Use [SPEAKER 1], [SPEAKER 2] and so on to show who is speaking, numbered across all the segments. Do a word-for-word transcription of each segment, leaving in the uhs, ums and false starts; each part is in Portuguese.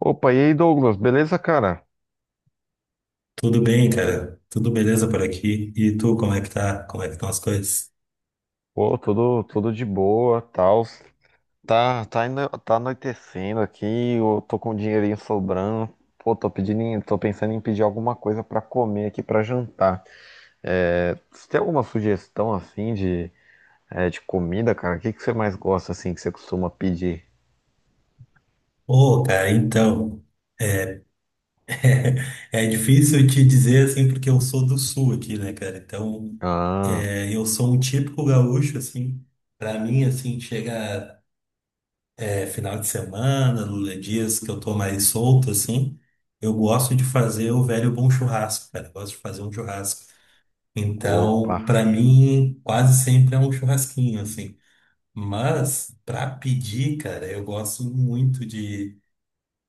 [SPEAKER 1] Opa, e aí, Douglas, beleza, cara?
[SPEAKER 2] Tudo bem, cara? Tudo beleza por aqui? E tu, como é que tá? Como é que estão as coisas?
[SPEAKER 1] Pô, tudo, tudo de boa, tal. Tá, tá, ano- tá anoitecendo aqui, eu tô com um dinheirinho sobrando. Pô, tô pedindo, em- tô pensando em pedir alguma coisa pra comer aqui pra jantar. É, você tem alguma sugestão assim de, é, de comida, cara? O que que você mais gosta assim que você costuma pedir?
[SPEAKER 2] Ô, cara, então, é difícil te dizer assim, porque eu sou do sul aqui, né, cara? Então,
[SPEAKER 1] Ah,
[SPEAKER 2] é, eu sou um típico gaúcho, assim. Pra mim, assim, chega é, final de semana, no- dias que eu tô mais solto, assim, eu gosto de fazer o velho bom churrasco, cara. Eu gosto de fazer um churrasco.
[SPEAKER 1] opa,
[SPEAKER 2] Então, pra mim, quase sempre é um churrasquinho, assim. Mas, pra pedir, cara, eu gosto muito de,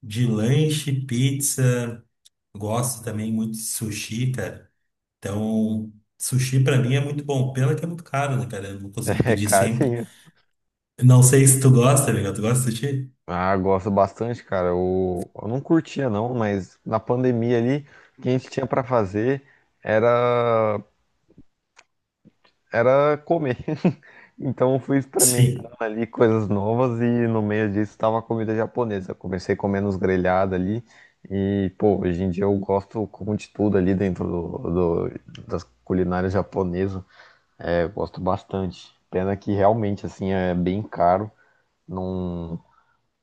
[SPEAKER 2] de lanche, pizza, gosto também muito de sushi, cara. Então, sushi pra mim é muito bom. Pena que é muito caro, né, cara? Eu não consigo
[SPEAKER 1] é
[SPEAKER 2] pedir sempre.
[SPEAKER 1] carinho.
[SPEAKER 2] Não sei se tu gosta, amigo. Tu gosta de sushi?
[SPEAKER 1] Ah, gosto bastante, cara. Eu, eu não curtia não, mas na pandemia ali, o que a gente tinha pra fazer era era comer. Então eu fui experimentando
[SPEAKER 2] Sim.
[SPEAKER 1] ali coisas novas e no meio disso estava comida japonesa. Eu comecei comendo os grelhados ali e, pô, hoje em dia eu gosto como de tudo ali dentro do, do- das culinárias japonesas. É, eu gosto bastante. Pena que realmente assim é bem caro, não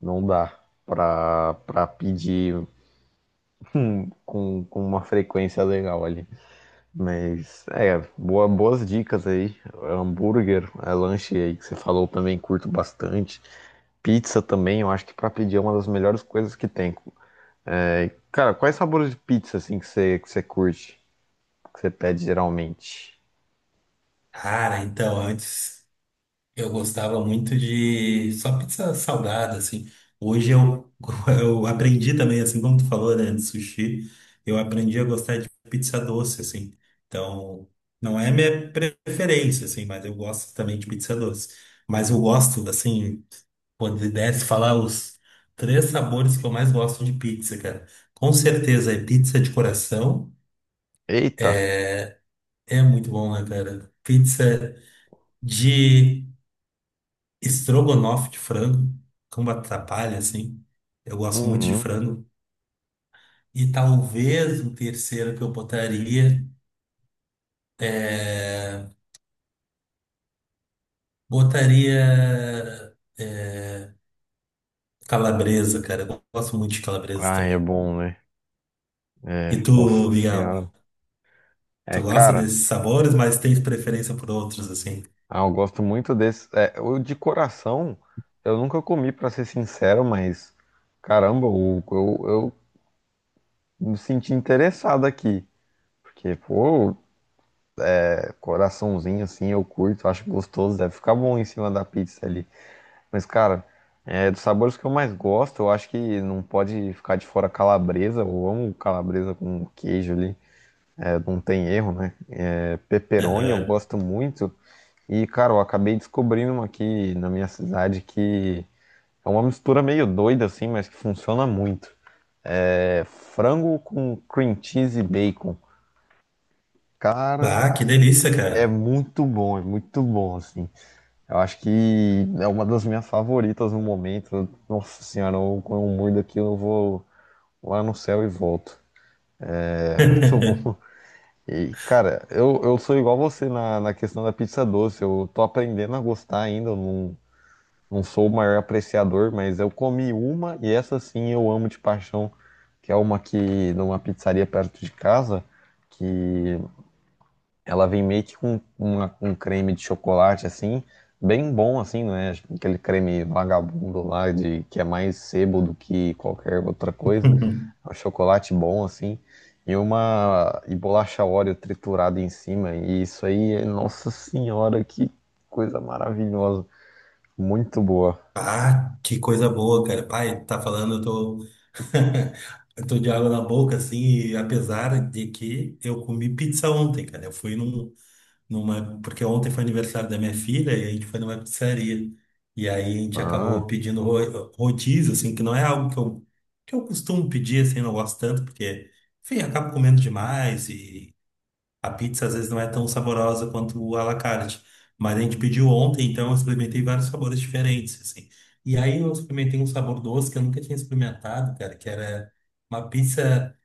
[SPEAKER 1] não dá. Pra, para pedir com, com uma frequência legal ali. Mas é, boa, boas dicas aí. Hambúrguer, é, lanche aí que você falou também, curto bastante. Pizza também, eu acho que para pedir é uma das melhores coisas que tem. É, cara, quais sabores de pizza assim que você, que você curte, que você pede geralmente?
[SPEAKER 2] Cara, então, antes. Eu gostava muito de só pizza salgada, assim. Hoje eu, eu aprendi também, assim como tu falou, né, de sushi, eu aprendi a gostar de pizza doce, assim. Então, não é minha preferência, assim, mas eu gosto também de pizza doce. Mas eu gosto, assim, quando pudesse falar os três sabores que eu mais gosto de pizza, cara. Com certeza é pizza de coração,
[SPEAKER 1] Eita!
[SPEAKER 2] é muito bom, né, cara? Pizza de Estrogonofe de frango, como atrapalha, assim. Eu gosto muito de
[SPEAKER 1] Uhum.
[SPEAKER 2] frango. E talvez um terceiro que eu botaria é... Botaria é, calabresa, cara. Eu gosto muito de calabresa
[SPEAKER 1] Ai, é
[SPEAKER 2] também.
[SPEAKER 1] bom, né?
[SPEAKER 2] E
[SPEAKER 1] É,
[SPEAKER 2] tu,
[SPEAKER 1] nossa
[SPEAKER 2] Miguel,
[SPEAKER 1] senhora. É,
[SPEAKER 2] tu gosta
[SPEAKER 1] cara.
[SPEAKER 2] desses sabores, mas tens preferência por outros, assim.
[SPEAKER 1] Ah, eu gosto muito desse. É, o de coração, eu nunca comi, pra ser sincero, mas caramba, o- eu, eu me senti interessado aqui. Porque, pô, é, coraçãozinho assim, eu curto, acho gostoso, deve ficar bom em cima da pizza ali. Mas, cara, é, dos sabores que eu mais gosto, eu acho que não pode ficar de fora calabresa. Eu amo calabresa com queijo ali, é, não tem erro, né? É, pepperoni eu
[SPEAKER 2] Aham.
[SPEAKER 1] gosto muito. E, cara, eu acabei descobrindo uma aqui na minha cidade que. É uma mistura meio doida assim, mas que funciona muito. É frango com cream cheese e bacon. Cara,
[SPEAKER 2] Ah, que delícia,
[SPEAKER 1] é
[SPEAKER 2] cara.
[SPEAKER 1] muito bom, é muito bom assim. Eu acho que é uma das minhas favoritas no momento. Nossa senhora, eu, quando eu mordo aqui, eu vou lá no céu e volto. É muito bom. E, cara, eu, eu sou igual você na, na questão da pizza doce. Eu tô aprendendo a gostar ainda. Eu não, Não sou o maior apreciador, mas eu comi uma e essa sim eu amo de paixão, que é uma que numa pizzaria perto de casa, que ela vem meio que com uma- um creme de chocolate assim, bem bom assim, não é aquele creme vagabundo lá de que é mais sebo do que qualquer outra coisa. É um chocolate bom assim e uma e bolacha Oreo triturada em cima. E isso aí, é- nossa senhora, que coisa maravilhosa, muito boa.
[SPEAKER 2] Ah, que coisa boa, cara. Pai, tá falando, eu tô. Eu tô de água na boca, assim, e apesar de que eu comi pizza ontem, cara. Eu fui num, numa. Porque ontem foi aniversário da minha filha e a gente foi numa pizzaria. E aí a gente
[SPEAKER 1] Ah.
[SPEAKER 2] acabou pedindo ro- rodízio, assim, que não é algo que eu, que eu costumo pedir, assim, não gosto tanto, porque, enfim, eu acabo comendo demais. A pizza às vezes não é tão saborosa quanto o à la carte. Mas a gente pediu ontem, então eu experimentei vários sabores diferentes, assim. E aí eu experimentei um sabor doce que eu nunca tinha experimentado, cara, que era uma pizza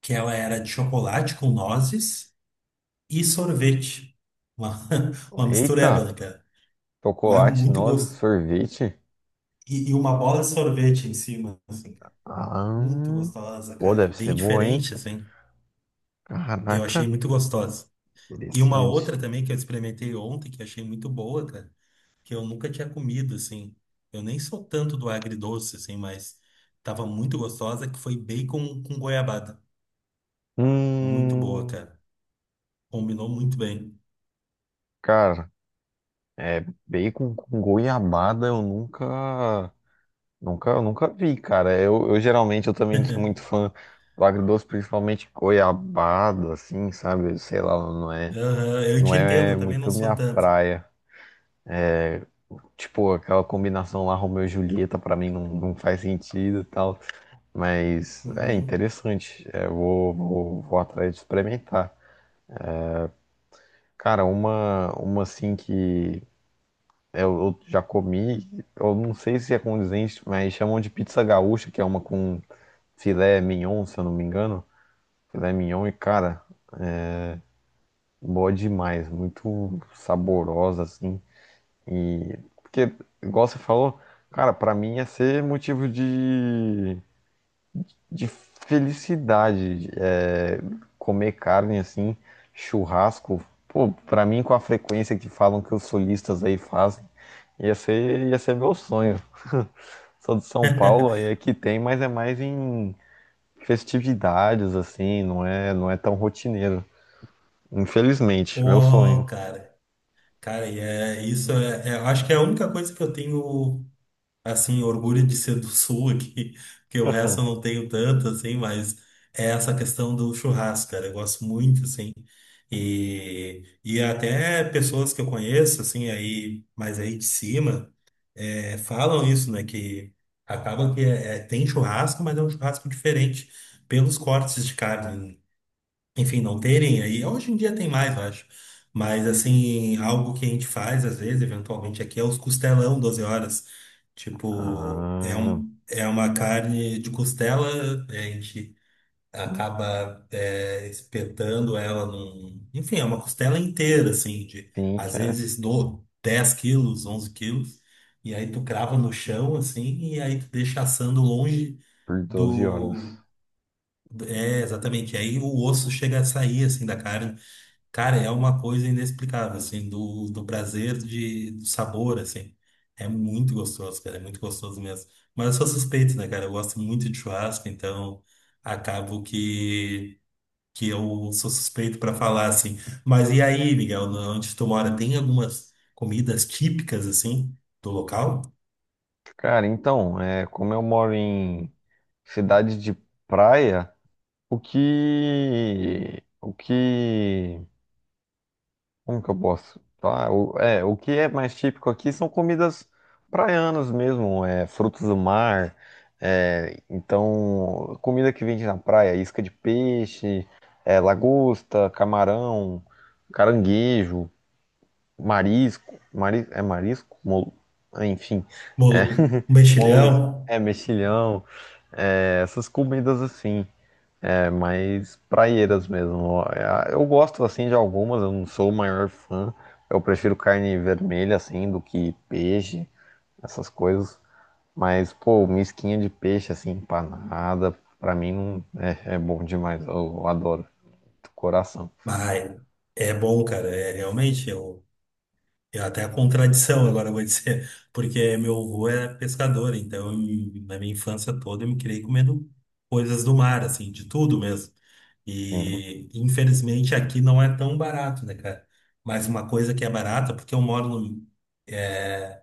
[SPEAKER 2] que ela era de chocolate com nozes e sorvete. Uma, uma mistureba,
[SPEAKER 1] Eita,
[SPEAKER 2] né, cara? Mas
[SPEAKER 1] chocolate,
[SPEAKER 2] muito
[SPEAKER 1] nozes,
[SPEAKER 2] gosto.
[SPEAKER 1] sorvete.
[SPEAKER 2] E, e uma bola de sorvete em cima, assim, cara.
[SPEAKER 1] Ah,
[SPEAKER 2] Muito
[SPEAKER 1] hum.
[SPEAKER 2] gostosa,
[SPEAKER 1] Pô,
[SPEAKER 2] cara.
[SPEAKER 1] deve ser
[SPEAKER 2] Bem
[SPEAKER 1] boa, hein?
[SPEAKER 2] diferente, assim. Eu achei
[SPEAKER 1] Caraca,
[SPEAKER 2] muito gostosa. E uma
[SPEAKER 1] interessante.
[SPEAKER 2] outra também que eu experimentei ontem, que eu achei muito boa, cara. Que eu nunca tinha comido, assim. Eu nem sou tanto do agridoce, assim, mas tava muito gostosa, que foi bacon com goiabada. Muito boa,
[SPEAKER 1] Hum,
[SPEAKER 2] cara. Combinou muito bem.
[SPEAKER 1] cara, bacon com goiabada eu nunca, nunca, nunca vi, cara. Eu, eu geralmente eu também não sou muito fã do agridoce, principalmente goiabada, assim, sabe? Sei lá, não é,
[SPEAKER 2] Aham, eu
[SPEAKER 1] não
[SPEAKER 2] te entendo,
[SPEAKER 1] é
[SPEAKER 2] eu também não
[SPEAKER 1] muito
[SPEAKER 2] sou
[SPEAKER 1] minha
[SPEAKER 2] tanto.
[SPEAKER 1] praia. Tipo, aquela combinação lá, Romeu e Julieta, pra mim não, não faz sentido e tal. Mas é
[SPEAKER 2] Uhum.
[SPEAKER 1] interessante. É, vou, vou, vou atrás de experimentar. Cara, uma, uma assim que eu, eu já comi, eu não sei se é condizente, mas chamam de pizza gaúcha, que é uma com filé mignon, se eu não me engano. Filé mignon e, cara, boa demais. Muito saborosa, assim. E, porque, igual você falou, cara, pra mim ia ser motivo de de felicidade. É, comer carne assim, churrasco, pô, pra mim com a frequência que falam que os solistas aí fazem, ia ser, ia ser meu sonho. Sou de São Paulo, aí aqui tem, mas é mais em festividades assim, não é, não é tão rotineiro. Infelizmente, meu sonho.
[SPEAKER 2] Ô, cara, cara, e é, isso é, é- acho que é a única coisa que eu tenho. Assim, orgulho de ser do sul aqui, porque o resto eu não tenho tanto, assim, mas é essa questão do churrasco, cara, eu gosto muito, assim, e, e até pessoas que eu conheço, assim, aí, mas aí de cima, é, falam isso, né, que acaba que é, é- tem churrasco, mas é um churrasco diferente pelos cortes de carne, enfim, não terem aí. Hoje em dia tem mais, eu acho. Mas, assim, algo que a gente faz, às vezes, eventualmente aqui, é os costelão doze horas. Tipo, é,
[SPEAKER 1] Ah,
[SPEAKER 2] um, é uma carne de costela, né, a gente acaba é, espetando ela num. Enfim, é uma costela inteira, assim, de
[SPEAKER 1] sim, que
[SPEAKER 2] às
[SPEAKER 1] é
[SPEAKER 2] vezes do dez quilos, onze quilos. E aí tu crava no chão, assim, e aí tu deixa assando longe
[SPEAKER 1] por doze horas.
[SPEAKER 2] do. É, exatamente. Aí o osso chega a sair assim da carne. Cara, é uma coisa inexplicável, assim, do, do prazer de, do sabor, assim. É muito gostoso, cara, é muito gostoso mesmo. Mas eu sou suspeito, né, cara? Eu gosto muito de churrasco, então acabo que, que eu sou suspeito pra falar, assim. Mas e aí, Miguel, na- onde tu mora, tem algumas comidas típicas, assim, do local?
[SPEAKER 1] Cara, então, é, como eu moro em cidade de praia. O que. O que. Como que eu posso falar? O, é, o que é mais típico aqui são comidas praianas mesmo, é, frutos do mar. É, então, comida que vende na praia, isca de peixe, é, lagosta, camarão, caranguejo, marisco. Mari, é marisco? Mol- enfim, é,
[SPEAKER 2] Bolo,
[SPEAKER 1] molusco,
[SPEAKER 2] mexilhão?
[SPEAKER 1] é mexilhão, é, essas comidas assim. É mais praieiras mesmo. É, eu gosto assim de algumas, eu não sou o maior fã. Eu prefiro carne vermelha assim do que peixe, essas coisas. Mas pô, misquinha de peixe assim empanada, pra mim não é, é bom demais. Eu, eu adoro, do coração.
[SPEAKER 2] Ai, é bom, cara, é realmente. É até a contradição, agora eu vou dizer, porque meu avô era pescador, então em- na minha infância toda eu me criei comendo coisas do mar, assim, de tudo mesmo.
[SPEAKER 1] Sim.
[SPEAKER 2] E infelizmente aqui não é tão barato, né, cara? Mas uma coisa que é barata, porque eu moro no, é,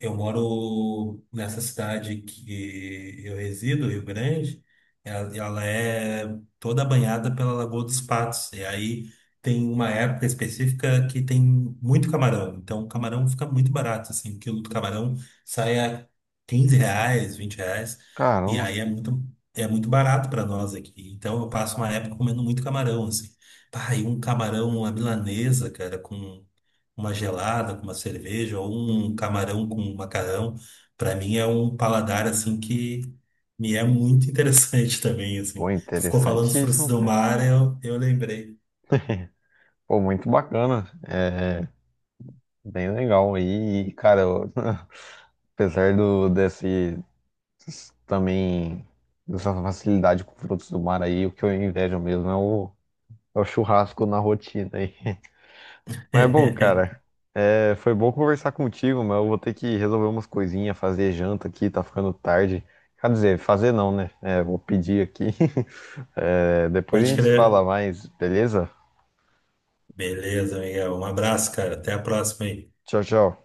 [SPEAKER 2] eu moro nessa cidade que eu resido, Rio Grande, ela, ela é toda banhada pela Lagoa dos Patos. E aí tem uma época específica que tem muito camarão. Então o camarão fica muito barato, assim, o quilo do camarão sai a quinze reais, vinte reais. E
[SPEAKER 1] Caramba,
[SPEAKER 2] aí é muito, é muito barato para nós aqui. Então eu passo uma época comendo muito camarão, assim. Pá, e um camarão à milanesa, cara, com uma gelada com uma cerveja ou um camarão com um macarrão, para mim é um paladar assim que me é muito interessante também,
[SPEAKER 1] pô,
[SPEAKER 2] assim. Tu ficou falando dos frutos
[SPEAKER 1] interessantíssimo,
[SPEAKER 2] do
[SPEAKER 1] cara.
[SPEAKER 2] mar, eu, eu lembrei.
[SPEAKER 1] Pô, muito bacana. É bem legal aí, e, cara. eu- Apesar do, desse também essa facilidade com frutos do mar aí, o que eu invejo mesmo é o, é o churrasco na rotina aí. Mas é bom, cara, é, foi bom conversar contigo, mas eu vou ter que resolver umas coisinhas, fazer janta aqui, tá ficando tarde. Quer dizer, fazer não, né? É, vou pedir aqui. É, depois a
[SPEAKER 2] Pode
[SPEAKER 1] gente se fala
[SPEAKER 2] crer.
[SPEAKER 1] mais, beleza?
[SPEAKER 2] Beleza, Miguel. Um abraço, cara. Até a próxima aí.
[SPEAKER 1] Tchau, tchau.